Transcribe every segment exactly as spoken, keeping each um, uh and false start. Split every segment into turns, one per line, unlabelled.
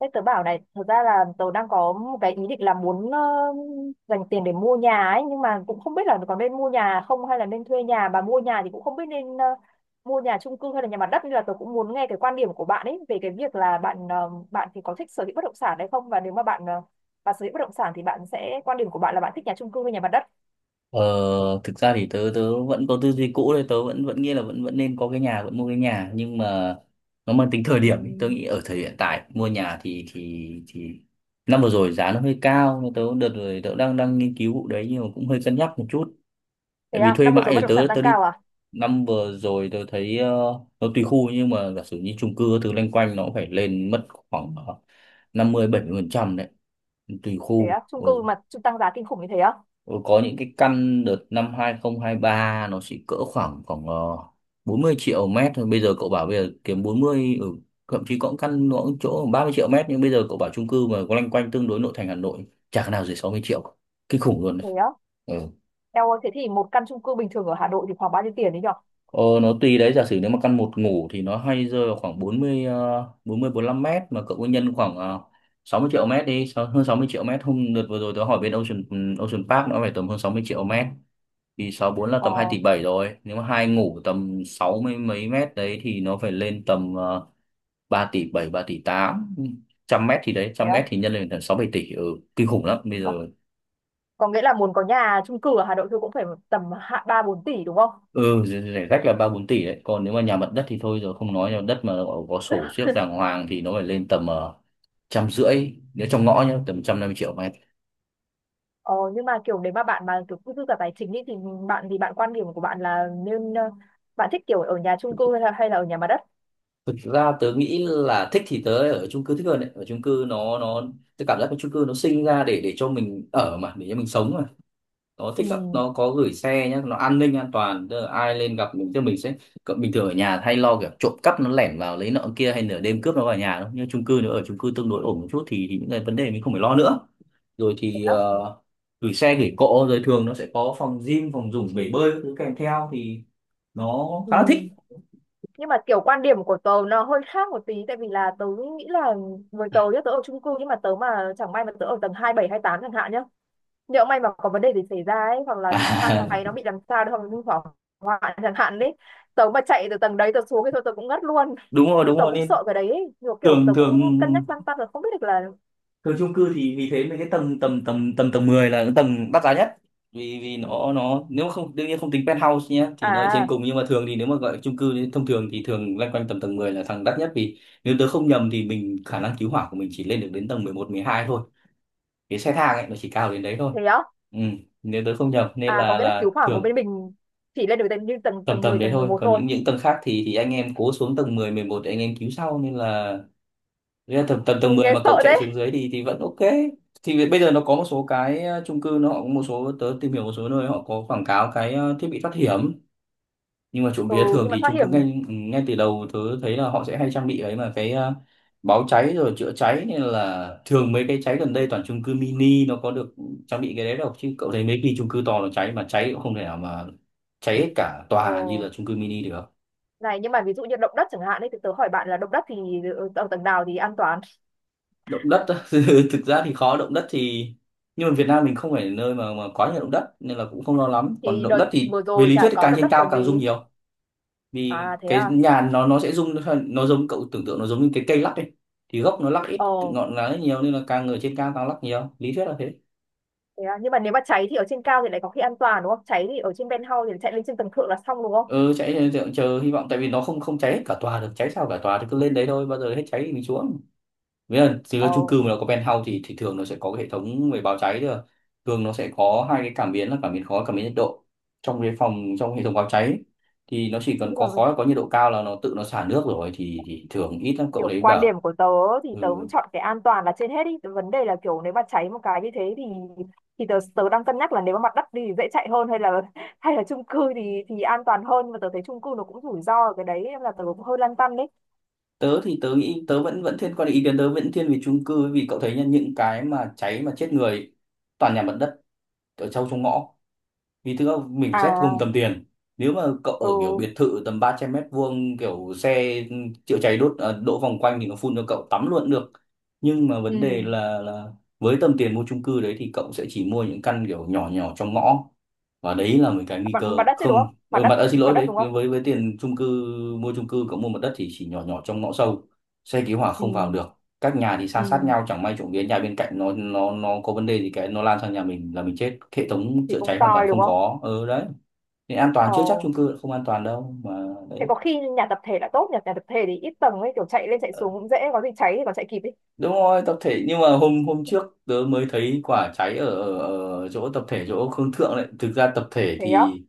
Thế tớ bảo này, thật ra là tớ đang có một cái ý định là muốn ờ, dành tiền để mua nhà ấy, nhưng mà cũng không biết là có nên mua nhà không hay là nên thuê nhà, mà mua nhà thì cũng không biết nên ờ, mua nhà chung cư hay là nhà mặt đất, nên là tớ cũng muốn nghe cái quan điểm của bạn ấy về cái việc là bạn ờ, bạn thì có thích sở hữu bất động sản hay không, và nếu mà bạn ờ, bạn sở hữu bất động sản thì bạn sẽ quan điểm của bạn là bạn thích nhà chung cư hay nhà mặt đất.
Ờ, thực ra thì tớ tớ vẫn có tư duy cũ đấy. Tớ vẫn vẫn nghĩ là vẫn vẫn nên có cái nhà, vẫn mua cái nhà, nhưng mà nó mang tính thời
Ừ.
điểm ấy. Tớ nghĩ ở thời hiện tại mua nhà thì thì thì năm vừa rồi giá nó hơi cao, nhưng tớ, đợt rồi tớ đang đang nghiên cứu vụ đấy, nhưng mà cũng hơi cân nhắc một chút,
Thế
tại vì
à,
thuê
năm vừa
mãi
rồi bất
thì
động
tớ
sản tăng
tớ đi.
cao à?
Năm vừa rồi tớ thấy ờ, nó tùy khu, nhưng mà giả sử như chung cư thứ loanh quanh nó cũng phải lên mất khoảng ờ, năm mươi bảy mươi phần trăm đấy, tùy
Thế á,
khu.
chung
Ừ.
cư mà chung tăng giá kinh khủng như thế á?
Ừ, có những cái căn đợt năm hai không hai ba nó chỉ cỡ khoảng khoảng ờ, bốn mươi triệu mét thôi. Bây giờ cậu bảo bây giờ kiếm bốn mươi, ừ, thậm chí có những căn nó cũng chỗ ba mươi triệu mét, nhưng bây giờ cậu bảo chung cư mà có loanh quanh tương đối nội thành Hà Nội chả cái nào dưới sáu mươi triệu. Kinh khủng luôn đấy.
Thế á.
Ừ.
Eo ơi, thế thì một căn chung cư bình thường ở Hà Nội thì khoảng bao nhiêu tiền đấy nhở?
Ờ, nó tùy đấy, giả sử nếu mà căn một ngủ thì nó hay rơi vào khoảng bốn mươi ờ, bốn lăm mét, mà cậu cứ nhân khoảng ờ, sáu mươi triệu mét đi, sáu- hơn sáu mươi triệu mét. Hôm đợt vừa rồi tớ hỏi bên Ocean ừ, Ocean Park nó phải tầm hơn sáu mươi triệu mét, thì sáu bốn là
Ờ.
tầm hai tỷ bảy rồi. Nếu mà hai ngủ tầm sáu mươi mấy mét đấy thì nó phải lên tầm uh, ba tỷ bảy, ba tỷ tám. Trăm mét thì đấy,
Thế
trăm
á.
mét thì nhân lên tầm sáu bảy tỷ. Ừ, kinh khủng lắm bây
có,
giờ.
có nghĩa là muốn có nhà chung cư ở Hà Nội thôi cũng phải tầm hạ ba bốn tỷ đúng không?
Ừ, rẻ rẻ rách là ba bốn tỷ đấy, còn nếu mà nhà mặt đất thì thôi rồi, không nói. Nhà mặt đất mà có, có sổ siếc đàng hoàng thì nó phải lên tầm ờ, trăm rưỡi, nếu trong ngõ nhá, tầm trăm năm mươi triệu mét.
ờ, nhưng mà kiểu nếu mà bạn mà kiểu cứ dư cả tài chính ý, thì bạn thì bạn quan điểm của bạn là nên, ờ, bạn thích kiểu ở nhà chung cư hay là, hay là ở nhà mặt đất?
Thực ra tớ nghĩ là thích thì tớ ở chung cư thích hơn đấy. Ở chung cư nó nó, tớ cảm giác cái chung cư nó sinh ra để để cho mình ở mà, để cho mình sống mà. Nó
Ừ,
thích lắm, nó có gửi xe nhá, nó an ninh an toàn, tức là ai lên gặp mình tức là mình sẽ, cậu- bình thường ở nhà hay lo kiểu trộm cắp nó lẻn vào lấy nợ kia, hay nửa đêm cướp nó vào nhà đâu. Nhưng chung cư, nếu ở chung cư tương đối ổn một chút thì, thì những cái vấn đề mình không phải lo nữa. Rồi
thế
thì
đó.
ờ, gửi xe gửi cộ, rồi thường nó sẽ có phòng gym, phòng dùng bể bơi các thứ kèm theo thì nó
Ừ.
khá là thích.
Nhưng mà kiểu quan điểm của tớ nó hơi khác một tí, tại vì là tớ nghĩ là với tớ nhá, tớ ở chung cư, nhưng mà tớ mà chẳng may mà tớ ở tầng hai bảy hai tám chẳng hạn nhá, nhỡ may mà có vấn đề gì xảy ra ấy, hoặc là thang
À,
máy nó bị làm sao đấy, hoặc là hư hỏng hoạn chẳng hạn đấy, tớ mà chạy từ tầng đấy tớ xuống thì thôi tớ cũng ngất luôn.
đúng rồi
Nên
đúng
tớ
rồi,
cũng
nên
sợ cái đấy ấy. Nhiều kiểu
thường
tớ cũng
thường
cân nhắc lăn tăn rồi, không biết được là.
thường chung cư thì vì thế mấy cái tầng tầm tầm tầm tầng mười là cái tầng đắt giá nhất. Vì vì nó nó nếu mà không, đương nhiên không tính penthouse nhé, thì nó ở trên
À,
cùng, nhưng mà thường thì nếu mà gọi chung cư thì thông thường thì thường loanh quanh tầm tầng mười là thằng đắt nhất. Vì nếu tớ không nhầm thì mình, khả năng cứu hỏa của mình chỉ lên được đến tầng mười một mười hai thôi, cái xe thang ấy nó chỉ cao đến đấy thôi.
thế á.
Ừ, nếu tớ không nhầm, nên
À, có
là
nghĩa là
là
cứu hỏa của
thường
bên mình chỉ lên được tầng, như tầng
tầm
tầng
tầm
mười,
đấy
tầng mười
thôi.
một
Còn
thôi.
những những tầng khác thì thì anh em cố xuống tầng mười mười một để anh em cứu sau, nên là. Thế là tầm tầm tầng
Ui
mười
nghe
mà cậu
sợ
chạy xuống
đấy.
dưới thì thì vẫn ok. Thì bây giờ nó có một số cái ờ, chung cư, nó cũng, một số tớ tìm hiểu một số nơi họ có quảng cáo cái ờ, thiết bị thoát hiểm. Nhưng mà trộm
Ừ,
vía thường
nhưng mà
thì
thoát
chung cư
hiểm.
ngay ngay từ đầu tớ thấy là họ sẽ hay trang bị ấy mà, cái ờ, báo cháy rồi chữa cháy. Nên là thường mấy cái cháy gần đây toàn chung cư mini, nó có được trang bị cái đấy đâu, chứ cậu thấy mấy cái chung cư to nó cháy mà, cháy cũng không thể nào mà cháy hết cả
Ờ,
tòa như là chung cư mini được.
này nhưng mà ví dụ như động đất chẳng hạn ấy, thì tớ hỏi bạn là động đất thì ở tầng nào thì an toàn?
Động đất á? Thực ra thì khó, động đất thì, nhưng mà Việt Nam mình không phải là nơi mà mà quá nhiều động đất nên là cũng không lo lắm. Còn
Thì
động
đợt
đất thì
vừa
về
rồi
lý thuyết
chả
thì
có
càng
động
trên
đất
cao
còn
càng rung
gì.
nhiều, vì
À thế
cái
à.
nhà nó nó sẽ rung. Nó giống, cậu tưởng tượng nó giống như cái cây lắc ấy, thì gốc nó lắc ít,
Ờ.
ngọn lá nhiều, nên là càng ở trên cao càng lắc nhiều, lý thuyết là thế.
Thế à? Nhưng mà nếu mà cháy thì ở trên cao thì lại có khi an toàn đúng không? Cháy thì ở trên penthouse thì chạy lên trên tầng thượng là xong đúng không?
Ừ, cháy chờ, chờ hy vọng, tại vì nó không không cháy hết cả tòa được. Cháy sao cả tòa thì cứ lên đấy thôi, bao giờ hết cháy thì mình xuống. Nghĩa là, thì là
Ờ,
chung cư mà nó có penthouse thì thì thường nó sẽ có cái hệ thống về báo cháy thôi à. Thường nó sẽ có hai cái cảm biến là cảm biến khói, cảm biến nhiệt độ trong cái phòng, trong hệ thống báo cháy, thì nó chỉ
nhưng
cần
mà
có khói, có nhiệt độ cao là nó tự nó xả nước rồi. Thì, thì thường ít lắm, cậu
kiểu
đấy
quan
bảo.
điểm của tớ thì
Ừ.
tớ vẫn chọn cái an toàn là trên hết đi. Vấn đề là kiểu nếu mà cháy một cái như thế thì thì tớ tớ đang cân nhắc là nếu mà mặt đất thì dễ chạy hơn, hay là hay là chung cư thì thì an toàn hơn, nhưng mà tớ thấy chung cư nó cũng rủi ro ở cái đấy, nên là tớ cũng hơi lăn tăn đấy.
Tớ thì tớ nghĩ tớ vẫn vẫn thiên, quan ý kiến tớ vẫn thiên về chung cư, vì cậu thấy nhá, những cái mà cháy mà chết người toàn nhà mặt đất ở sâu trong ngõ. Vì thực ra mình phải xét cùng
À,
tầm tiền, nếu mà cậu ở
ừ,
kiểu biệt thự tầm ba trăm mét vuông, kiểu xe chữa cháy đốt à, đỗ vòng quanh thì nó phun cho cậu tắm luôn cũng được. Nhưng mà vấn đề
ừ.
là là với tầm tiền mua chung cư đấy thì cậu sẽ chỉ mua những căn kiểu nhỏ nhỏ trong ngõ, và đấy là một cái nguy
Mặt, mặt
cơ.
đất chứ đúng
Không,
không? Mặt
ừ,
đất,
mặt à, xin
mặt
lỗi
đất đúng
đấy,
không?
với với tiền chung cư, mua chung cư, cậu mua mặt đất thì chỉ nhỏ nhỏ trong ngõ sâu, xe cứu hỏa
Ừ,
không vào được, các nhà thì san sát
ừ.
nhau, chẳng may trộm vía nhà bên cạnh nó nó nó có vấn đề gì cái nó lan sang nhà mình là mình chết, hệ thống
Thì
chữa
cũng
cháy hoàn toàn
tòi đúng
không
không?
có. Ừ đấy, nên an
Ờ.
toàn chưa chắc, chung cư không an toàn đâu mà.
Thế có
Đấy.
khi nhà tập thể là tốt, nhà nhà tập thể thì ít tầng ấy, kiểu chạy lên chạy
Ờ,
xuống cũng dễ, có gì cháy thì còn chạy kịp ấy.
Đúng rồi, tập thể, nhưng mà hôm hôm trước tớ mới thấy quả cháy ở, ở, ở chỗ tập thể chỗ Khương Thượng đấy. Thực ra tập thể
Thế á.
thì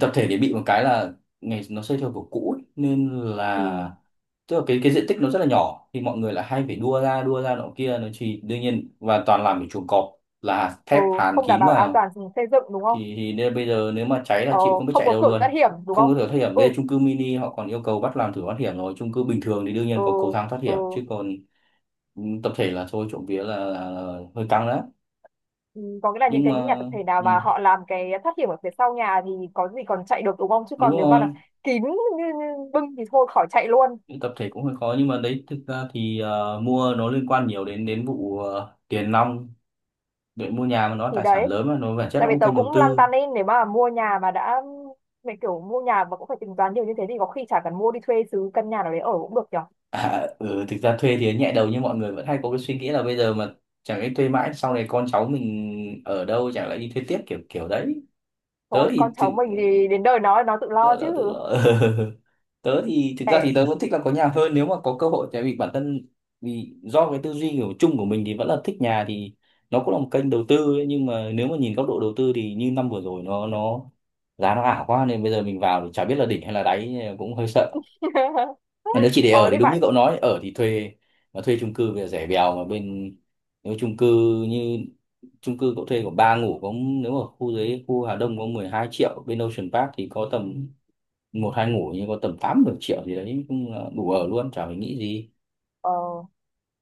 tập thể thì bị một cái là ngày nó xây theo kiểu cũ ấy, nên
Ừ.
là tức là cái cái diện tích nó rất là nhỏ, thì mọi người lại hay phải đua ra đua ra nọ kia, nó chỉ đương nhiên, và toàn làm cái chuồng cọp là
Ừ.
thép hàn
Không đảm
kín
bảo an
vào.
toàn xây dựng đúng không?
Thì, thì nên bây giờ nếu mà cháy là
Ờ,
chịu, không biết
không
chạy
có
đâu
cửa thoát
luôn,
hiểm đúng
không
không?
có được thoát hiểm.
Ừ.
Đây chung cư mini họ còn yêu cầu bắt làm thử thoát hiểm rồi, chung cư bình thường thì đương
Ừ.
nhiên có cầu thang thoát
Ừ.
hiểm chứ còn. Ừ, tập thể là thôi, trộm vía là, là, là hơi căng đấy.
Ừ, có nghĩa là những
Nhưng
cái nhà
mà
tập thể nào
ừ,
mà họ làm cái thoát hiểm ở phía sau nhà thì có gì còn chạy được đúng không, chứ
đúng
còn nếu mà là
rồi,
kín như, như bưng thì thôi khỏi chạy luôn.
tập thể cũng hơi khó, nhưng mà đấy, thực ra thì ờ, mua nó liên quan nhiều đến đến vụ ờ, tiền nong. Đội mua nhà mà, nó
Thì
tài sản
đấy,
lớn mà, nó bản chất
tại
nó
vì
cũng
tớ
kênh đầu
cũng lăn
tư.
tăn ấy, nếu mà mua nhà mà đã, mẹ kiểu mua nhà mà cũng phải tính toán nhiều như thế thì có khi chả cần mua, đi thuê xứ căn nhà nào đấy ở cũng được nhỉ.
À, ừ, thực ra thuê thì nhẹ đầu, nhưng mọi người vẫn hay có cái suy nghĩ là bây giờ mà, chẳng lẽ thuê mãi, sau này con cháu mình ở đâu, chẳng lẽ đi thuê tiếp, kiểu kiểu đấy. Tớ
Thôi con
thì tự
cháu mình thì đến đời nó nó tự lo
tớ
chứ.
là tự là Tớ thì thực ra thì
Để
tớ vẫn thích là có nhà hơn nếu mà có cơ hội, tại vì bản thân, vì do cái tư duy kiểu chung của mình thì vẫn là thích nhà. Thì nó cũng là một kênh đầu tư ấy, nhưng mà nếu mà nhìn góc độ đầu tư thì như năm vừa rồi nó nó giá nó ảo quá, nên bây giờ mình vào thì chả biết là đỉnh hay là đáy, cũng hơi sợ. Mà nếu chỉ để ở
ờ
thì
thế
đúng như
bạn.
cậu nói, ở thì thuê. Mà thuê chung cư bây giờ rẻ bèo, mà bên, nếu chung cư, như chung cư cậu thuê có ba ngủ có, nếu ở khu dưới, khu Hà Đông có mười hai triệu, bên Ocean Park thì có tầm một hai ngủ, nhưng có tầm tám mười triệu gì đấy cũng là đủ ở luôn chả phải nghĩ gì.
Ờ,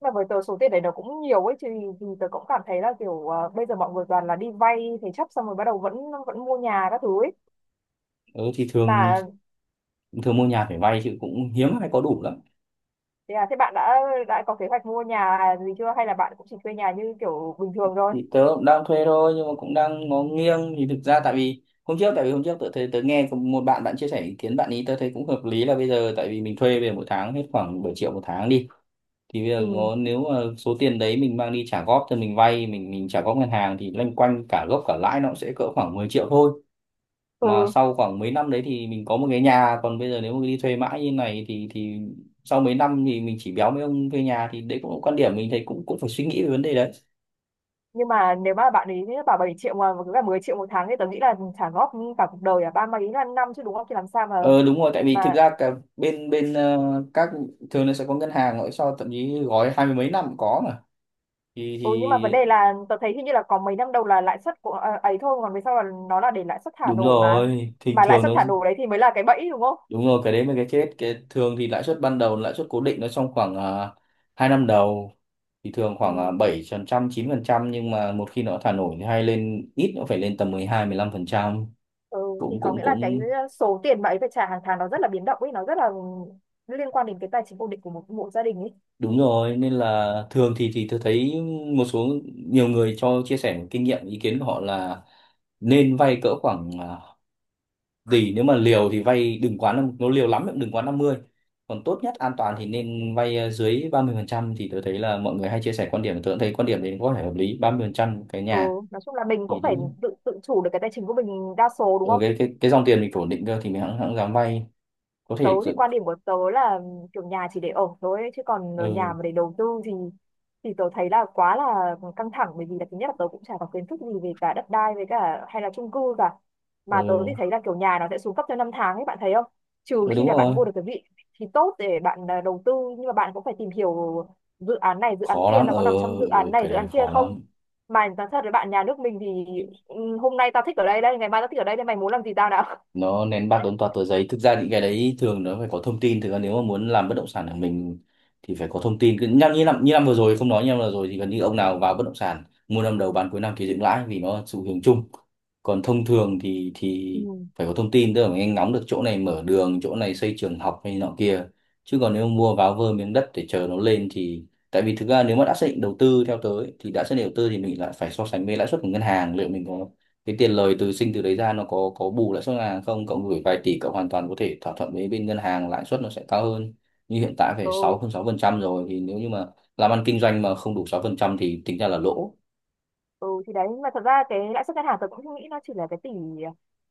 mà với tớ số tiền đấy nó cũng nhiều ấy chứ, thì tớ cũng cảm thấy là kiểu ờ, bây giờ mọi người toàn là đi vay thế chấp xong rồi bắt đầu vẫn vẫn mua nhà các thứ ấy.
Ừ, thì thường
Mà
thường mua nhà phải vay chứ cũng hiếm ai có đủ lắm.
thế à, thế bạn đã đã có kế hoạch mua nhà gì chưa, hay là bạn cũng chỉ thuê nhà như kiểu bình thường thôi?
Thì tớ cũng đang thuê thôi nhưng mà cũng đang ngó nghiêng. Thì thực ra tại vì hôm trước tại vì hôm trước tớ thấy tớ nghe có một bạn bạn chia sẻ ý kiến, bạn ý tớ thấy cũng hợp lý, là bây giờ tại vì mình thuê về mỗi tháng hết khoảng bảy triệu một tháng đi, thì bây giờ
Ừ.
ngó nếu mà số tiền đấy mình mang đi trả góp, cho mình vay mình mình trả góp ngân hàng, thì loanh quanh cả gốc cả lãi nó cũng sẽ cỡ khoảng mười triệu thôi, mà
Ừ.
sau khoảng mấy năm đấy thì mình có một cái nhà. Còn bây giờ nếu mà đi thuê mãi như này thì thì sau mấy năm thì mình chỉ béo mấy ông thuê nhà. Thì đấy cũng là một quan điểm, mình thấy cũng cũng phải suy nghĩ về vấn đề.
Nhưng mà nếu mà bạn ấy bảo bảy triệu mà cứ cả mười triệu một tháng thì tớ nghĩ là trả góp cả cuộc đời à, ba mấy là năm chứ đúng không, thì làm sao mà.
Ờ đúng rồi, tại vì thực
Mà.
ra cả bên bên ờ, các thường nó sẽ có ngân hàng gọi cho, thậm chí gói hai mươi mấy năm cũng có mà. thì
Ừ, nhưng mà vấn đề
thì
là tớ thấy hình như là có mấy năm đầu là lãi suất của, à, ấy thôi, còn về sau là nó là để lãi suất thả
đúng
nổi mà.
rồi, thì
Mà lãi
thường
suất
nó
thả nổi đấy thì mới là cái bẫy đúng không?
đúng rồi, cái đấy mới cái chết. Cái thường thì lãi suất ban đầu, lãi suất cố định nó trong khoảng uh, hai năm đầu, thì thường khoảng
Ừ.
uh, bảy phần trăm chín phần trăm, nhưng mà một khi nó thả nổi thì hay lên ít nó phải lên tầm mười hai mười hai phần trăm.
Ừ. Thì
cũng
có
cũng
nghĩa là cái
cũng
ờ, số tiền mà ấy phải trả hàng tháng nó rất là biến động ấy, nó rất là liên quan đến cái tài chính ổn định của một, một gia đình ấy.
Đúng rồi, nên là thường thì thì tôi thấy một số nhiều người cho chia sẻ kinh nghiệm ý kiến của họ là nên vay cỡ khoảng à, tỷ, nếu mà liều thì vay đừng quá năm- nó liều lắm thì cũng đừng quá năm mươi. Còn tốt nhất an toàn thì nên vay à, dưới ba mươi phần trăm. Thì tôi thấy là mọi người hay chia sẻ quan điểm, tôi cũng thấy quan điểm đấy có thể hợp lý, ba mươi phần trăm cái
Ừ,
nhà
nói chung là mình
thì
cũng phải
thì
tự tự chủ được cái tài chính của mình đa số đúng
ừ,
không?
cái cái cái dòng tiền mình ổn định cơ thì mình hẵng hẵng dám vay, có
Tớ
thể
thì
tự-
quan điểm của tớ là kiểu nhà chỉ để ở thôi ấy, chứ còn nhà
ừ,
mà để đầu tư thì thì tớ thấy là quá là căng thẳng, bởi vì là thứ nhất là tớ cũng chả có kiến thức gì về cả đất đai với cả hay là chung cư cả. Mà tớ thì
ừ,
thấy là kiểu nhà nó sẽ xuống cấp theo năm tháng ấy, bạn thấy không? Trừ
ừ
khi
đúng
là bạn
rồi,
mua được cái vị thì tốt để bạn à, đầu tư, nhưng mà bạn cũng phải tìm hiểu dự án này dự án
khó
kia,
lắm.
nó
ờ
có nằm trong
ừ,
dự án
ừ,
này
cái
dự
đấy
án kia
khó
không.
lắm.
Mà nói thật với bạn, nhà nước mình thì ừ, hôm nay tao thích ở đây đây, ngày mai tao thích ở đây đây, mày muốn làm gì tao nào.
Nó nén bạc đốn toạt tờ giấy. Thực ra những cái đấy thường nó phải có thông tin. Thực ra nếu mà muốn làm bất động sản của mình thì phải có thông tin, cứ nhắc như năm như năm vừa rồi không nói như năm vừa rồi thì gần như ông nào vào bất động sản mua năm đầu bán cuối năm thì dựng lãi, vì nó là xu hướng chung. Còn thông thường thì
Ừ.
thì phải có thông tin, tức là mình nhanh ngóng được chỗ này mở đường, chỗ này xây trường học hay nọ kia, chứ còn nếu mua váo vơ miếng đất để chờ nó lên thì tại vì thực ra nếu mà đã xác định đầu tư theo tới thì đã xác định đầu tư thì mình lại phải so sánh với lãi suất của ngân hàng, liệu mình có cái tiền lời từ sinh từ đấy ra nó có có bù lãi suất ngân hàng không. Cậu gửi vài tỷ, cậu hoàn toàn có thể thỏa thuận với bên ngân hàng lãi suất nó sẽ cao hơn, như hiện tại phải sáu
Ừ.
hơn sáu phần trăm rồi, thì nếu như mà làm ăn kinh doanh mà không đủ sáu phần trăm thì tính ra là lỗ.
Ừ thì đấy, nhưng mà thật ra cái lãi suất ngân hàng tôi cũng nghĩ nó chỉ là cái tỷ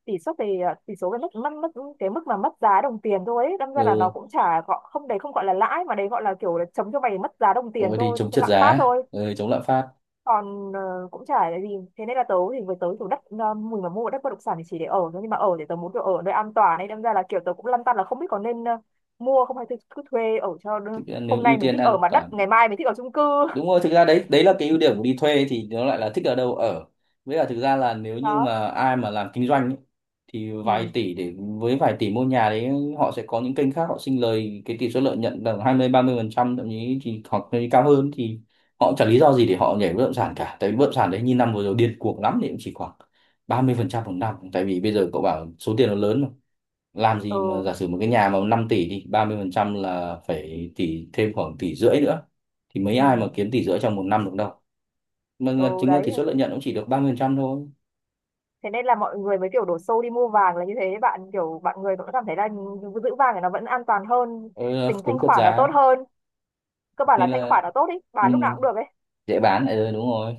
tỷ suất về, ờ, tỷ số, cái mức mất, mất cái mức mà mất giá đồng tiền thôi ấy. Đâm ra là nó
Ừ,
cũng chả gọi không, đấy không gọi là lãi, mà đấy gọi là kiểu là chống cho mày mất giá đồng
ừ
tiền
thì
thôi,
chống
thế
trượt
lạm phát
giá,
thôi.
ừ, chống lạm phát.
Còn ờ, cũng chả là gì. Thế nên là tớ thì với tớ chủ đất, ờ, mình mà mua đất bất động sản thì chỉ để ở thôi, nhưng mà ở thì tớ muốn được ở nơi an toàn ấy, đâm ra là kiểu tớ cũng lăn tăn là không biết có nên ờ, mua không, hay thì cứ thuê ở cho đỡ-
Thực ra nếu
hôm
ưu
nay mình
tiên
thích
an
ở mặt
ăn
đất, ngày mai mình thích ở chung cư.
đúng rồi, thực ra đấy, đấy là cái ưu điểm của đi thuê, thì nó lại là thích ở đâu ở. Với cả thực ra là nếu như
Đó.
mà ai mà làm kinh doanh ấy, thì vài
Ừ.
tỷ để, với vài tỷ mua nhà đấy, họ sẽ có những kênh khác họ sinh lời cái tỷ suất lợi nhuận tầm hai mươi ba mươi phần trăm thậm chí, thì hoặc là cao hơn thì họ cũng chẳng lý do gì để họ nhảy bất động sản cả. Tại vì bất động sản đấy như năm vừa rồi điên cuồng lắm thì cũng chỉ khoảng ba mươi phần trăm một năm. Tại vì bây giờ cậu bảo số tiền nó lớn mà, làm gì mà
Ừ.
giả sử một cái nhà mà năm tỷ thì ba mươi phần trăm là phải tỷ, thêm khoảng tỷ rưỡi nữa, thì mấy ai mà
Ừ.
kiếm tỷ rưỡi trong một năm được đâu. Mà
Ừ
chính ra
đấy,
tỷ suất lợi nhuận cũng chỉ được ba mươi phần trăm thôi.
thế nên là mọi người mới kiểu đổ xô đi mua vàng là như thế, bạn kiểu bạn người cũng cảm thấy là giữ vàng thì nó vẫn an toàn hơn,
Ừ,
tính
tính
thanh
trượt
khoản nó tốt
giá,
hơn, cơ bản là
nên
thanh
là
khoản nó tốt ý,
ừ,
bán lúc nào cũng được ấy.
dễ bán lại rồi đúng rồi.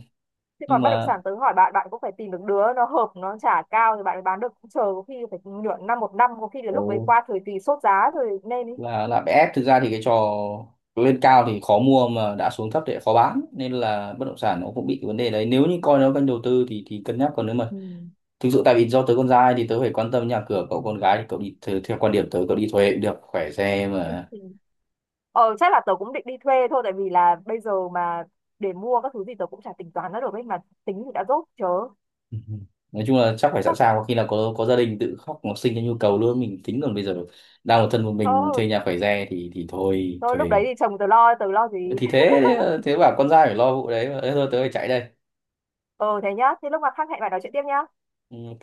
Chứ
Nhưng
còn bất động
mà
sản tớ hỏi bạn, bạn cũng phải tìm được đứa nó hợp nó trả cao thì bạn mới bán được, cũng chờ có khi phải nửa năm một năm, có khi đến lúc ấy
ừ,
qua thời kỳ sốt giá rồi nên ý.
là là bê ép, thực ra thì cái trò lên cao thì khó mua mà đã xuống thấp thì lại khó bán, nên là bất động sản nó cũng bị cái vấn đề đấy. Nếu như coi nó kênh đầu tư thì thì cân nhắc, còn nếu mà
Ừ.
thực sự tại vì do tớ con trai thì tớ phải quan tâm nhà cửa, cậu con gái thì cậu đi theo, theo quan điểm tớ cậu đi thuê cũng được khỏe xe
Ừ.
mà.
Ờ chắc là tớ cũng định đi thuê thôi, tại vì là bây giờ mà để mua các thứ gì tớ cũng chả tính toán ra được ấy, mà tính thì đã dốt chớ.
Nói chung là chắc phải sẵn
Chắc.
sàng, có khi nào có có gia đình tự khóc học sinh cho nhu cầu luôn mình tính, còn bây giờ đang một thân một mình thuê
Thôi.
nhà khỏe xe thì thì thôi
Thôi lúc
thuê.
đấy thì chồng tớ lo tớ lo gì.
Thì thế, thế bảo con trai phải lo vụ đấy mà. Thế thôi tớ phải chạy đây.
Ừ thế nhá, thế lúc mà khác hẹn bạn nói chuyện tiếp nhá.
Ừ, ok.